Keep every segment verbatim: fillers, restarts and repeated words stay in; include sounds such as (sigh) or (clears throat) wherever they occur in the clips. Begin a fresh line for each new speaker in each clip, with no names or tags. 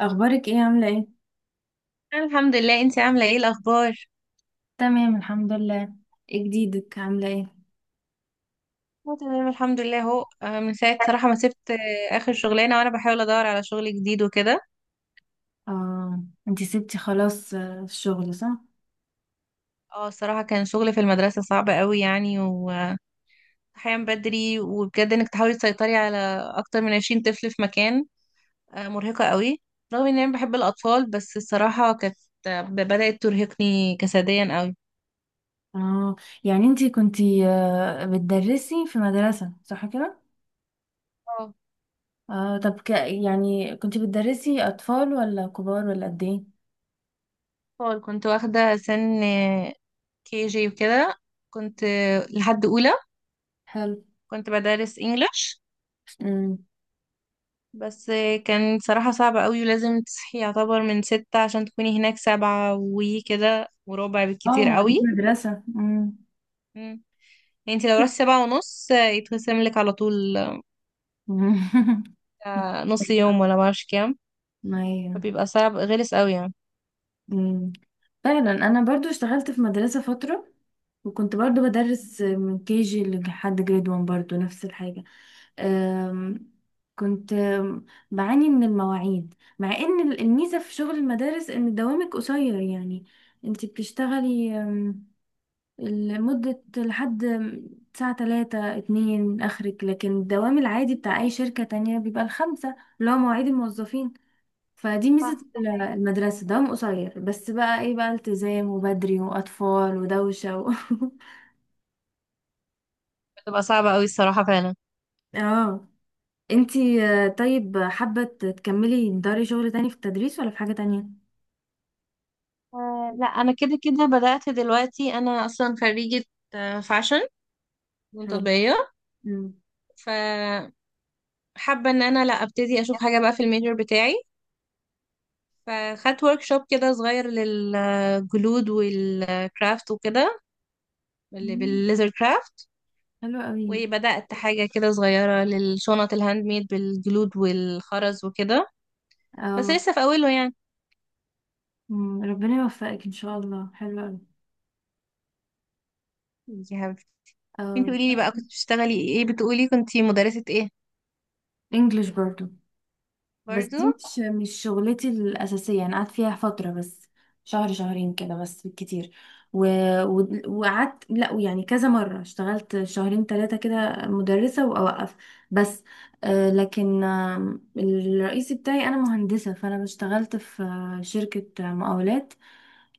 اخبارك ايه؟ عامله ايه؟
الحمد لله، انتي عامله ايه الاخبار؟
تمام، الحمد لله. ايه جديدك؟ عامله ايه؟
اه تمام، الحمد لله اهو. آه، من ساعه صراحه
(laughs)
ما سبت آه، اخر شغلانه، وانا بحاول ادور على شغل جديد وكده.
اه. انتي سبتي خلاص، آه، الشغل، صح؟
اه، الصراحه كان شغل في المدرسه صعب قوي يعني، وصحيان بدري. وبجد انك تحاولي تسيطري على اكتر من 20 طفل في مكان. آه، مرهقه قوي. رغم ان انا بحب الاطفال، بس الصراحه كانت آه، بدات ترهقني جسديا قوي.
اه. يعني انتي كنتي آه، بتدرسي في مدرسه، صح كده؟
اه،
اه، طب، ك... يعني كنتي بتدرسي اطفال ولا كبار، ولا قد ايه؟
اطفال. كنت واخده سن كي جي وكده. كنت آه، لحد اولى.
حلو.
كنت بدرس انجلش
امم.
بس. كان صراحة صعب قوي، ولازم تصحي يعتبر من ستة عشان تكوني هناك سبعة وكده وربع
اه،
بالكتير
ما عنديش
قوي.
مدرسة. امم.
مم. يعني انت لو رحتي سبعة ونص آه، يتخصم لك على طول.
(laughs)
آه، نص يوم ولا معرفش كام.
ايوه.
فبيبقى صعب غلس قوي يعني.
مم. فعلا انا برضو اشتغلت في مدرسة فترة، وكنت برضو بدرس من كي جي لحد جريد واحد، برضو نفس الحاجة. أم، كنت أم، بعاني من المواعيد، مع ان ال- الميزة في شغل المدارس ان دوامك قصير، يعني انت بتشتغلي، أم، لمدة، لحد ساعة تلاتة اتنين اخرك، لكن الدوام العادي بتاع اي شركة تانية بيبقى الخمسة، اللي هو مواعيد الموظفين. فدي ميزة
صح.
ال- المدرسة، دوام قصير، بس بقى ايه بقى التزام وبدري وأطفال ودوشة و...
بتبقى صعبة قوي الصراحة، فعلا.
(laughs) اه. انتي، آه، طيب، حابة تكملي تداري شغل تاني في التدريس ولا في حاجة تانية؟
آه لا، أنا كده كده بدأت دلوقتي. أنا أصلا خريجة آه، فاشن، فنون
حلو.
تطبيقية.
مم.
فحابة إن أنا لا أبتدي أشوف حاجة بقى في الميجر بتاعي. فخدت ورك شوب كده صغير للجلود والكرافت وكده، اللي
مم.
بالليزر كرافت.
حلو قوي.
وبدأت حاجة كده صغيرة للشنط الهاند ميد بالجلود والخرز وكده، بس
اه.
لسه في أوله يعني.
مم. ربنا يوفقك ان شاء الله، حلو قوي.
يا حبيبتي.
اه.
انتي قوليلي بقى، كنت بتشتغلي ايه؟ بتقولي كنتي مدرسة ايه؟
انجلش برضو. بس
برضو.
دي مش مش شغلتي الأساسية، أنا قعدت فيها فترة بس. شهر شهرين كده، بس بالكتير. و... و... وقعدت، لا يعني كذا مرة اشتغلت شهرين ثلاثة كده مدرسة وأوقف. بس. آه لكن، آه الرئيسي بتاعي أنا مهندسة، فأنا اشتغلت في آه، شركة مقاولات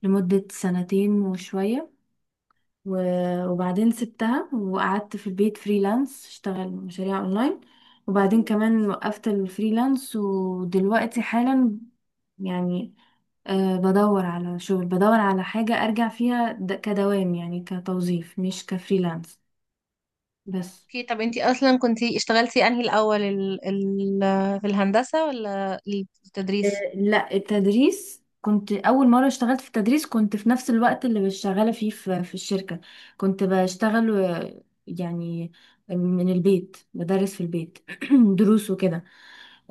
لمدة سنتين وشوية. و- وبعدين سبتها وقعدت في البيت فريلانس، اشتغل مشاريع اونلاين. وبعدين كمان وقفت الفريلانس، ودلوقتي حالا، يعني، أه، بدور على شغل، بدور على حاجة ارجع فيها د- كدوام، يعني كتوظيف مش كفريلانس. بس.
اوكي، طب انتي اصلا كنتي اشتغلتي انهي الأول، ال... ال... في الهندسة ولا
آه،
التدريس؟
لا، التدريس كنت اول مره اشتغلت في التدريس، كنت في نفس الوقت اللي شغاله فيه في في الشركه. كنت بشتغل، آه، يعني من البيت، بدرس في البيت. (clears throat) دروس وكده.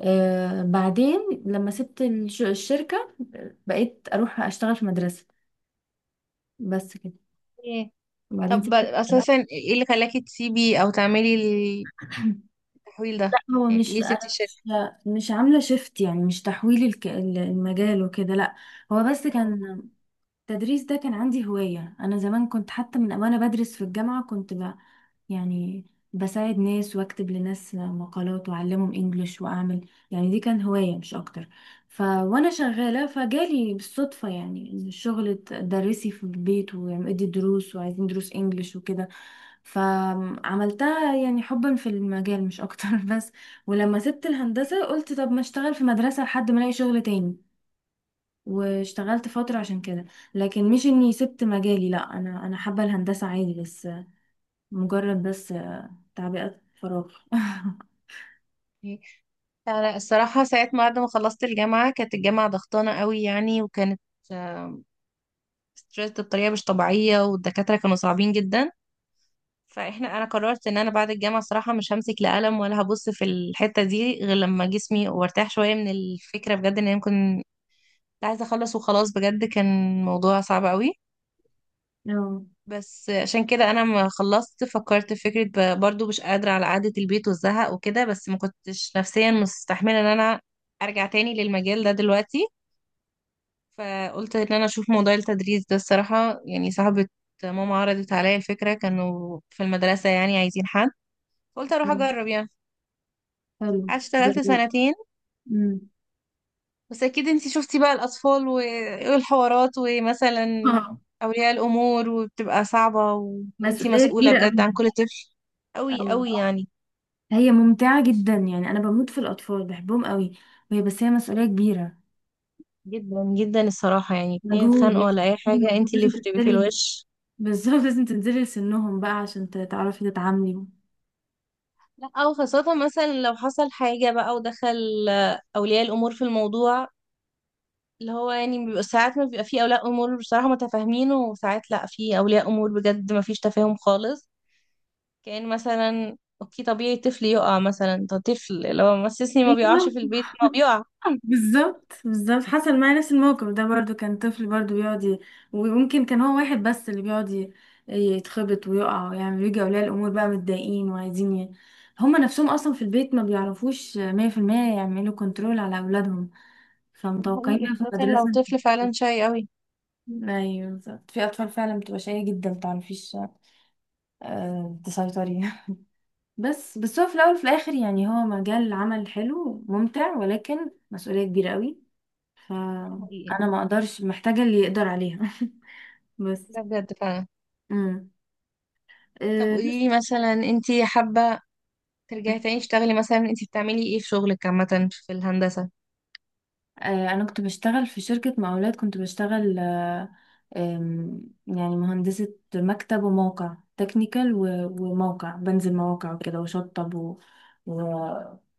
آه، بعدين لما سبت الش- الشركه، آه، بقيت اروح اشتغل في مدرسه. بس كده.
ايه.
وبعدين
طب
سبت. (clears throat)
أساسا ايه اللي خلاكي تسيبي أو تعملي التحويل
لا،
ده؟
هو
يعني
مش
ليه سبتي
انا، مش
الشركة؟
مش عامله شيفت، يعني مش تحويل الك- المجال وكده، لا. هو بس كان، التدريس ده كان عندي هواية. أنا زمان كنت حتى من وأنا بدرس في الجامعة كنت ب... يعني بساعد ناس، وأكتب لناس مقالات، وأعلمهم إنجليش وأعمل، يعني دي كان هواية مش أكتر. ف، وأنا شغالة فجالي بالصدفة، يعني إن الشغل تدرسي في البيت وادي دروس، وعايزين دروس إنجليش وكده. فعملتها، يعني حبا في المجال مش أكتر. (laughs) بس، ولما سبت الهندسة قلت، طب ما أشتغل في مدرسة لحد ما ألاقي شغل تاني. واشتغلت فترة عشان كده. لكن مش اني سبت مجالي، لا، انا انا حابة الهندسة عادي، بس، مجرد، بس تعبئة فراغ.
انا الصراحه ساعه ما بعد ما خلصت الجامعه، كانت الجامعه ضغطانه قوي يعني، وكانت ستريس بطريقه مش طبيعيه، والدكاتره كانوا صعبين جدا. فاحنا انا قررت ان انا بعد الجامعه الصراحه مش همسك لا قلم ولا هبص في الحته دي، غير لما جسمي وارتاح شويه من الفكره بجد، ان انا ممكن عايزه اخلص وخلاص. بجد كان موضوع صعب قوي.
(laughs) اه.
بس عشان كده انا ما خلصت فكرت في فكره، ب- برضو مش قادره على قعده البيت والزهق وكده، بس ما كنتش نفسيا مستحمله ان انا ارجع تاني للمجال ده دلوقتي. فقلت ان انا اشوف موضوع التدريس ده، الصراحه يعني صاحبه ماما عرضت عليا الفكره، كانوا في المدرسه يعني عايزين حد. قلت اروح اجرب يعني.
حلو.
قعدت اشتغلت
جميل.
سنتين.
مم.
بس اكيد انتي شفتي بقى الاطفال و- والحوارات،
(laughs)
ومثلا
آه،
اولياء الامور، وبتبقى صعبه و... وانتي
مسؤولية
مسؤوله
كبيرة أوي.
بجد عن كل طفل. قوي
أوي.
قوي يعني.
هي ممتعة جدا، يعني أنا بموت في الأطفال، بحبهم قوي. وهي بس هي مسؤولية كبيرة.
جدا جدا الصراحة، يعني اتنين
مجهود،
اتخانقوا
لازم
ولا أي
تبذلي
حاجة
مجهود،
انتي اللي
لازم
بتبقي في
تبذلي. (laughs)
الوش.
بالظبط، لازم تنزلي لسنهم بقى عشان ت- تعرفي تتعاملي.
لا، أو خاصة مثلا لو حصل حاجة بقى ودخل آه، أولياء الأمور في الموضوع. اللي هو يعني بيبقى ساعات ما بيبقى في أولياء أمور بصراحة متفاهمين، وساعات لا، في أولياء أمور بجد ما فيش تفاهم خالص. كأن مثلا، اوكي طبيعي طفل يقع، مثلا ده طفل لو مسسني ما بيقعش
أيوة،
في البيت ما بيقع. (laughs)
بالظبط، بالظبط حصل معايا نفس الموقف ده، برضو كان طفل، برضو بيقعد ي- ويمكن كان هو واحد بس اللي بيقعد ي- يتخبط ويقع ويعمل، يجي اولياء الامور بقى متضايقين وعايزين ي... هما نفسهم اصلا في البيت ما بيعرفوش مية في المية يعملوا كنترول على اولادهم،
ده
فمتوقعين
حقيقي،
بقى في
خاصة لو
المدرسة.
طفل فعلا شاي قوي.
ايوه، بالظبط، في اطفال فعلا بتبقى شقية جدا، متعرفيش آه، تسيطري. (laughs) بس بس هو في الاول وفي الاخر، يعني هو مجال عمل حلو ممتع، ولكن مسؤولية كبيرة قوي.
ده
فانا
حقيقي.
ما اقدرش، محتاجة اللي يقدر عليها. (laughs)
ده
بس.
بجد فعلا.
امم.
طب
أه، بس،
قوليلي مثلا، انتي حابة ترجعي تاني تشتغلي؟ مثلا انت بتعملي ايه في شغلك عامة في الهندسة؟
آه، انا كنت بشتغل في شركة مقاولات، كنت بشتغل، آه، آم، يعني مهندسة مكتب وموقع تكنيكال، وموقع بنزل مواقع وكده، وشطب و و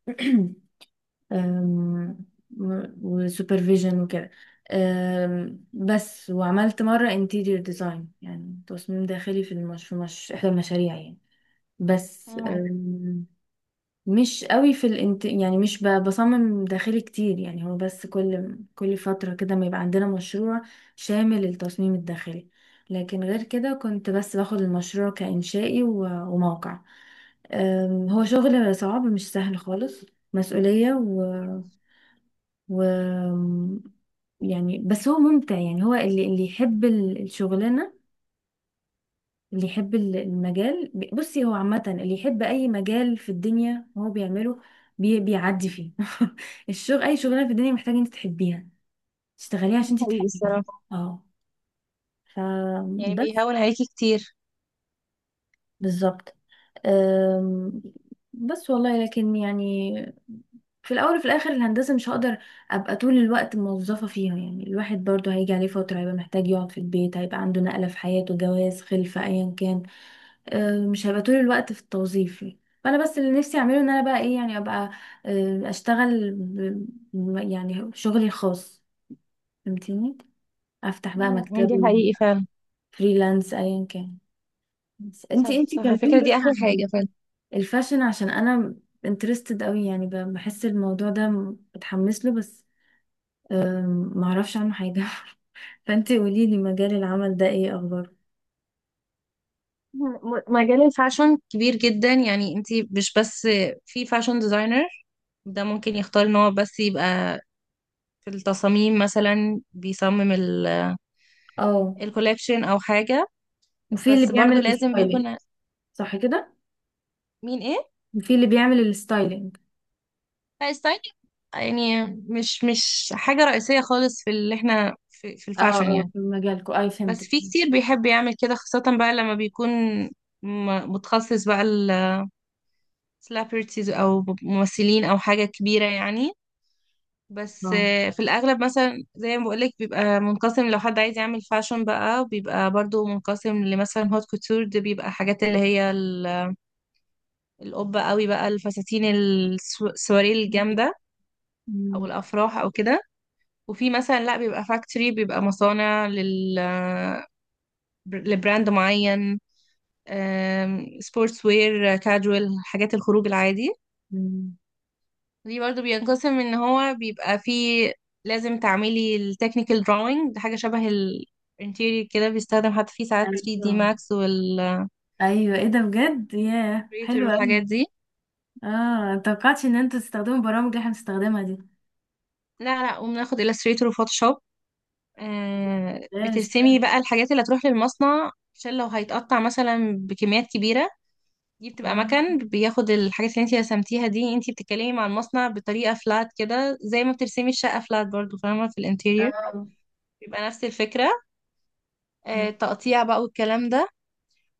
(clears throat) آم، و- وسوبرفيجن وكده. آم، بس وعملت مرة انتيريور ديزاين، يعني تصميم داخلي، في المش... في مش... احدى المشاريع، يعني. بس
مم،
مش قوي في الانت... يعني مش ب... بصمم داخلي كتير، يعني هو بس كل كل فترة كده ما يبقى عندنا مشروع شامل للتصميم الداخلي. لكن غير كده كنت بس باخد المشروع كإنشائي و... وموقع. أم، هو شغل صعب، مش سهل خالص، مسؤولية و... و... يعني بس هو ممتع، يعني هو اللي اللي يحب ال- الشغلانة، اللي يحب ال- المجال، ب- بصي، هو عامة اللي يحب أي مجال في الدنيا هو بيعمله، بي بيعدي فيه. (laughs) الشغل، أي شغلانة في الدنيا محتاجة أنت تحبيها، تشتغليها
ده
عشان أنت
حقيقي
تحبيها.
الصراحة.
اه.
يعني
فبس.
بيهون عليكي كتير.
بالظبط. أم، بس والله، لكن يعني في الأول وفي الآخر، الهندسة مش هقدر أبقى طول الوقت موظفة فيها، يعني الواحد برضو هيجي عليه فترة هيبقى محتاج يقعد في البيت، هيبقى عنده نقلة في حياته، جواز، خلفة، أيا كان. آه، مش هبقى طول الوقت في التوظيف. فانا بس اللي نفسي اعمله، ان انا بقى ايه، يعني ابقى، آه، اشتغل ب- ب- يعني شغلي الخاص. فهمتيني؟ افتح بقى
مم، ده
مكتبي،
حقيقي فعلا.
فريلانس ايا كان. بس
صح،
انتي انتي
صح، على فكرة
كلميني
دي
بس
أحلى
عن
حاجة فعلا.
الفاشن، عشان انا انترستد قوي، يعني ب- بحس الموضوع ده م- بتحمس له، بس آم، معرفش عنه حاجة. (laughs) فانتي قوليلي، مجال العمل ده ايه اخباره؟
مم، مجال الفاشن كبير جدا، يعني انت مش بس في فاشن ديزاينر. ده ممكن يختار ان هو بس يبقى في التصاميم، مثلا بيصمم ال-
اه.
الكوليكشن او حاجة.
وفي اللي
بس برضو
بيعمل
لازم
الستايلينج.
بيكون.
صح كده.
مين ايه.
وفي اللي بيعمل الستايلينج.
لا، ستايل يعني مش مش حاجة رئيسية خالص في اللي احنا في, في
اه،
الفاشن
اه،
يعني.
في مجالكم، اي،
بس
فهمتك.
في كتير بيحب يعمل كده، خاصة بقى لما بيكون م- متخصص بقى السليبرتيز او ممثلين او حاجة كبيرة يعني. بس
اه.
آه، في الاغلب مثلا زي ما بقولك بيبقى منقسم. لو حد عايز يعمل فاشن بقى، بيبقى برضو منقسم لمثلا هوت كوتور. دي بيبقى حاجات اللي هي ال- القبة قوي بقى، الفساتين السو- السواري الجامدة، او
أمم،
الافراح او كده. وفي مثلا لا، بيبقى فاكتوري، بيبقى مصانع لل لبراند معين، سبورتس وير، كاجوال، حاجات الخروج العادي.
أمم.
دي برضو بينقسم ان هو بيبقى فيه. لازم تعملي التكنيكال drawing، ده حاجة شبه الانتيريور كده، بيستخدم حتى فيه ساعات ثري دي
ايوه،
Max والإلستريتور
ايوه، ايه ده بجد، ياه، حلو قوي.
والحاجات دي.
اه، متوقعتش ان انتوا تستخدموا برامج اللي احنا بنستخدمها دي.
لا، لا، وبناخد إلستريتور وفوتوشوب. آه
بس حلو.
بترسمي بقى الحاجات اللي هتروح للمصنع، عشان لو هيتقطع مثلا بكميات كبيرة. دي بتبقى
اه.
مكان بياخد الحاجات اللي انت رسمتيها دي، انت بتتكلمي مع المصنع بطريقة فلات كده، زي ما بترسمي الشقة فلات برضو، فاهمة، في الانتيريور.
آه.
بيبقى نفس الفكرة. آه،
أمم.
تقطيع بقى والكلام ده.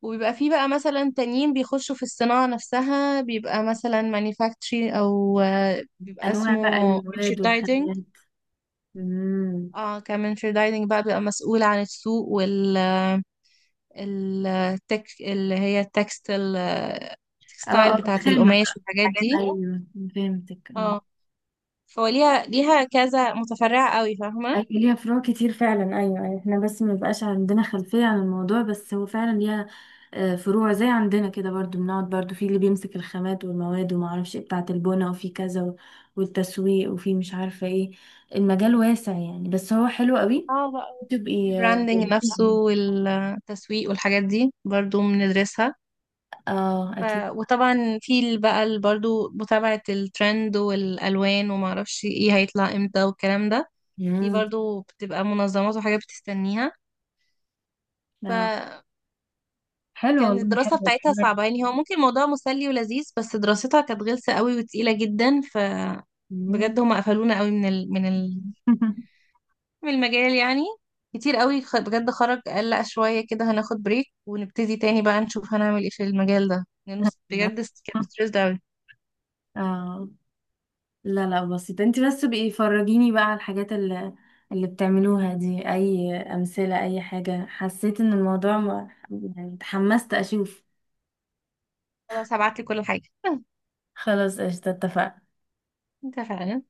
وبيبقى فيه بقى مثلا تانيين بيخشوا في الصناعة نفسها، بيبقى مثلا مانيفاكتشري، او آه، بيبقى
انواع بقى
اسمه
المواد
merchandising.
والخامات. أمم.
اه، كمرشندايزنج بقى بيبقى مسؤول عن السوق وال ال- التك اللي هي التكستل
اه،
التكستايل
اه،
بتاعة
الخامة
القماش
بقى،
والحاجات
الحاجات دي،
دي.
ايوه. فهمتك. اه.
اه، فليها ليها كذا متفرعة قوي، فاهمة.
أيوة، ليها فروع كتير فعلا، أيوة، أيوة، احنا بس ما بيبقاش عندنا خلفية عن الموضوع، بس هو فعلا ليها آه، فروع زي عندنا كده، برضو بنقعد برضو في اللي بيمسك الخامات والمواد، وما اعرفش ايه بتاعة البنا، وفي كذا و- والتسويق، وفي مش عارفة ايه، المجال واسع، يعني بس هو حلو قوي.
اه بقى،
تبقي اه.
البراندنج نفسه والتسويق والحاجات دي برضو بندرسها.
آه،
ف...
اكيد.
وطبعا في ال- بقى ال- برضو متابعة الترند والألوان وما اعرفش ايه هيطلع امتى والكلام ده. دي
مم.
برضو بتبقى منظمات وحاجات بتستنيها.
آه.
فكان
حلو والله،
الدراسة
حلو
بتاعتها
حلو.
صعبة، يعني هو ممكن الموضوع مسلي ولذيذ، بس دراستها كانت غلسة قوي وتقيلة جدا. ف بجد
مم.
هما قفلونا قوي من ال... من
(laughs)
في المجال يعني. كتير قوي، خ- بجد خرج قال لا، شوية كده هناخد بريك ونبتدي تاني بقى، نشوف هنعمل ايه في المجال ده، لأنه س- بجد س- كان ستريسد أوي.
اه. لا، لا، بسيطة، انت بس بقي فرجيني بقى على الحاجات اللي اللي بتعملوها دي، اي امثلة، اي حاجة حسيت ان الموضوع ما- يعني اتحمست اشوف.
خلاص هبعتلي كل حاجة. (laughs)
خلاص، قشطة، اتفقنا.
اتفقنا.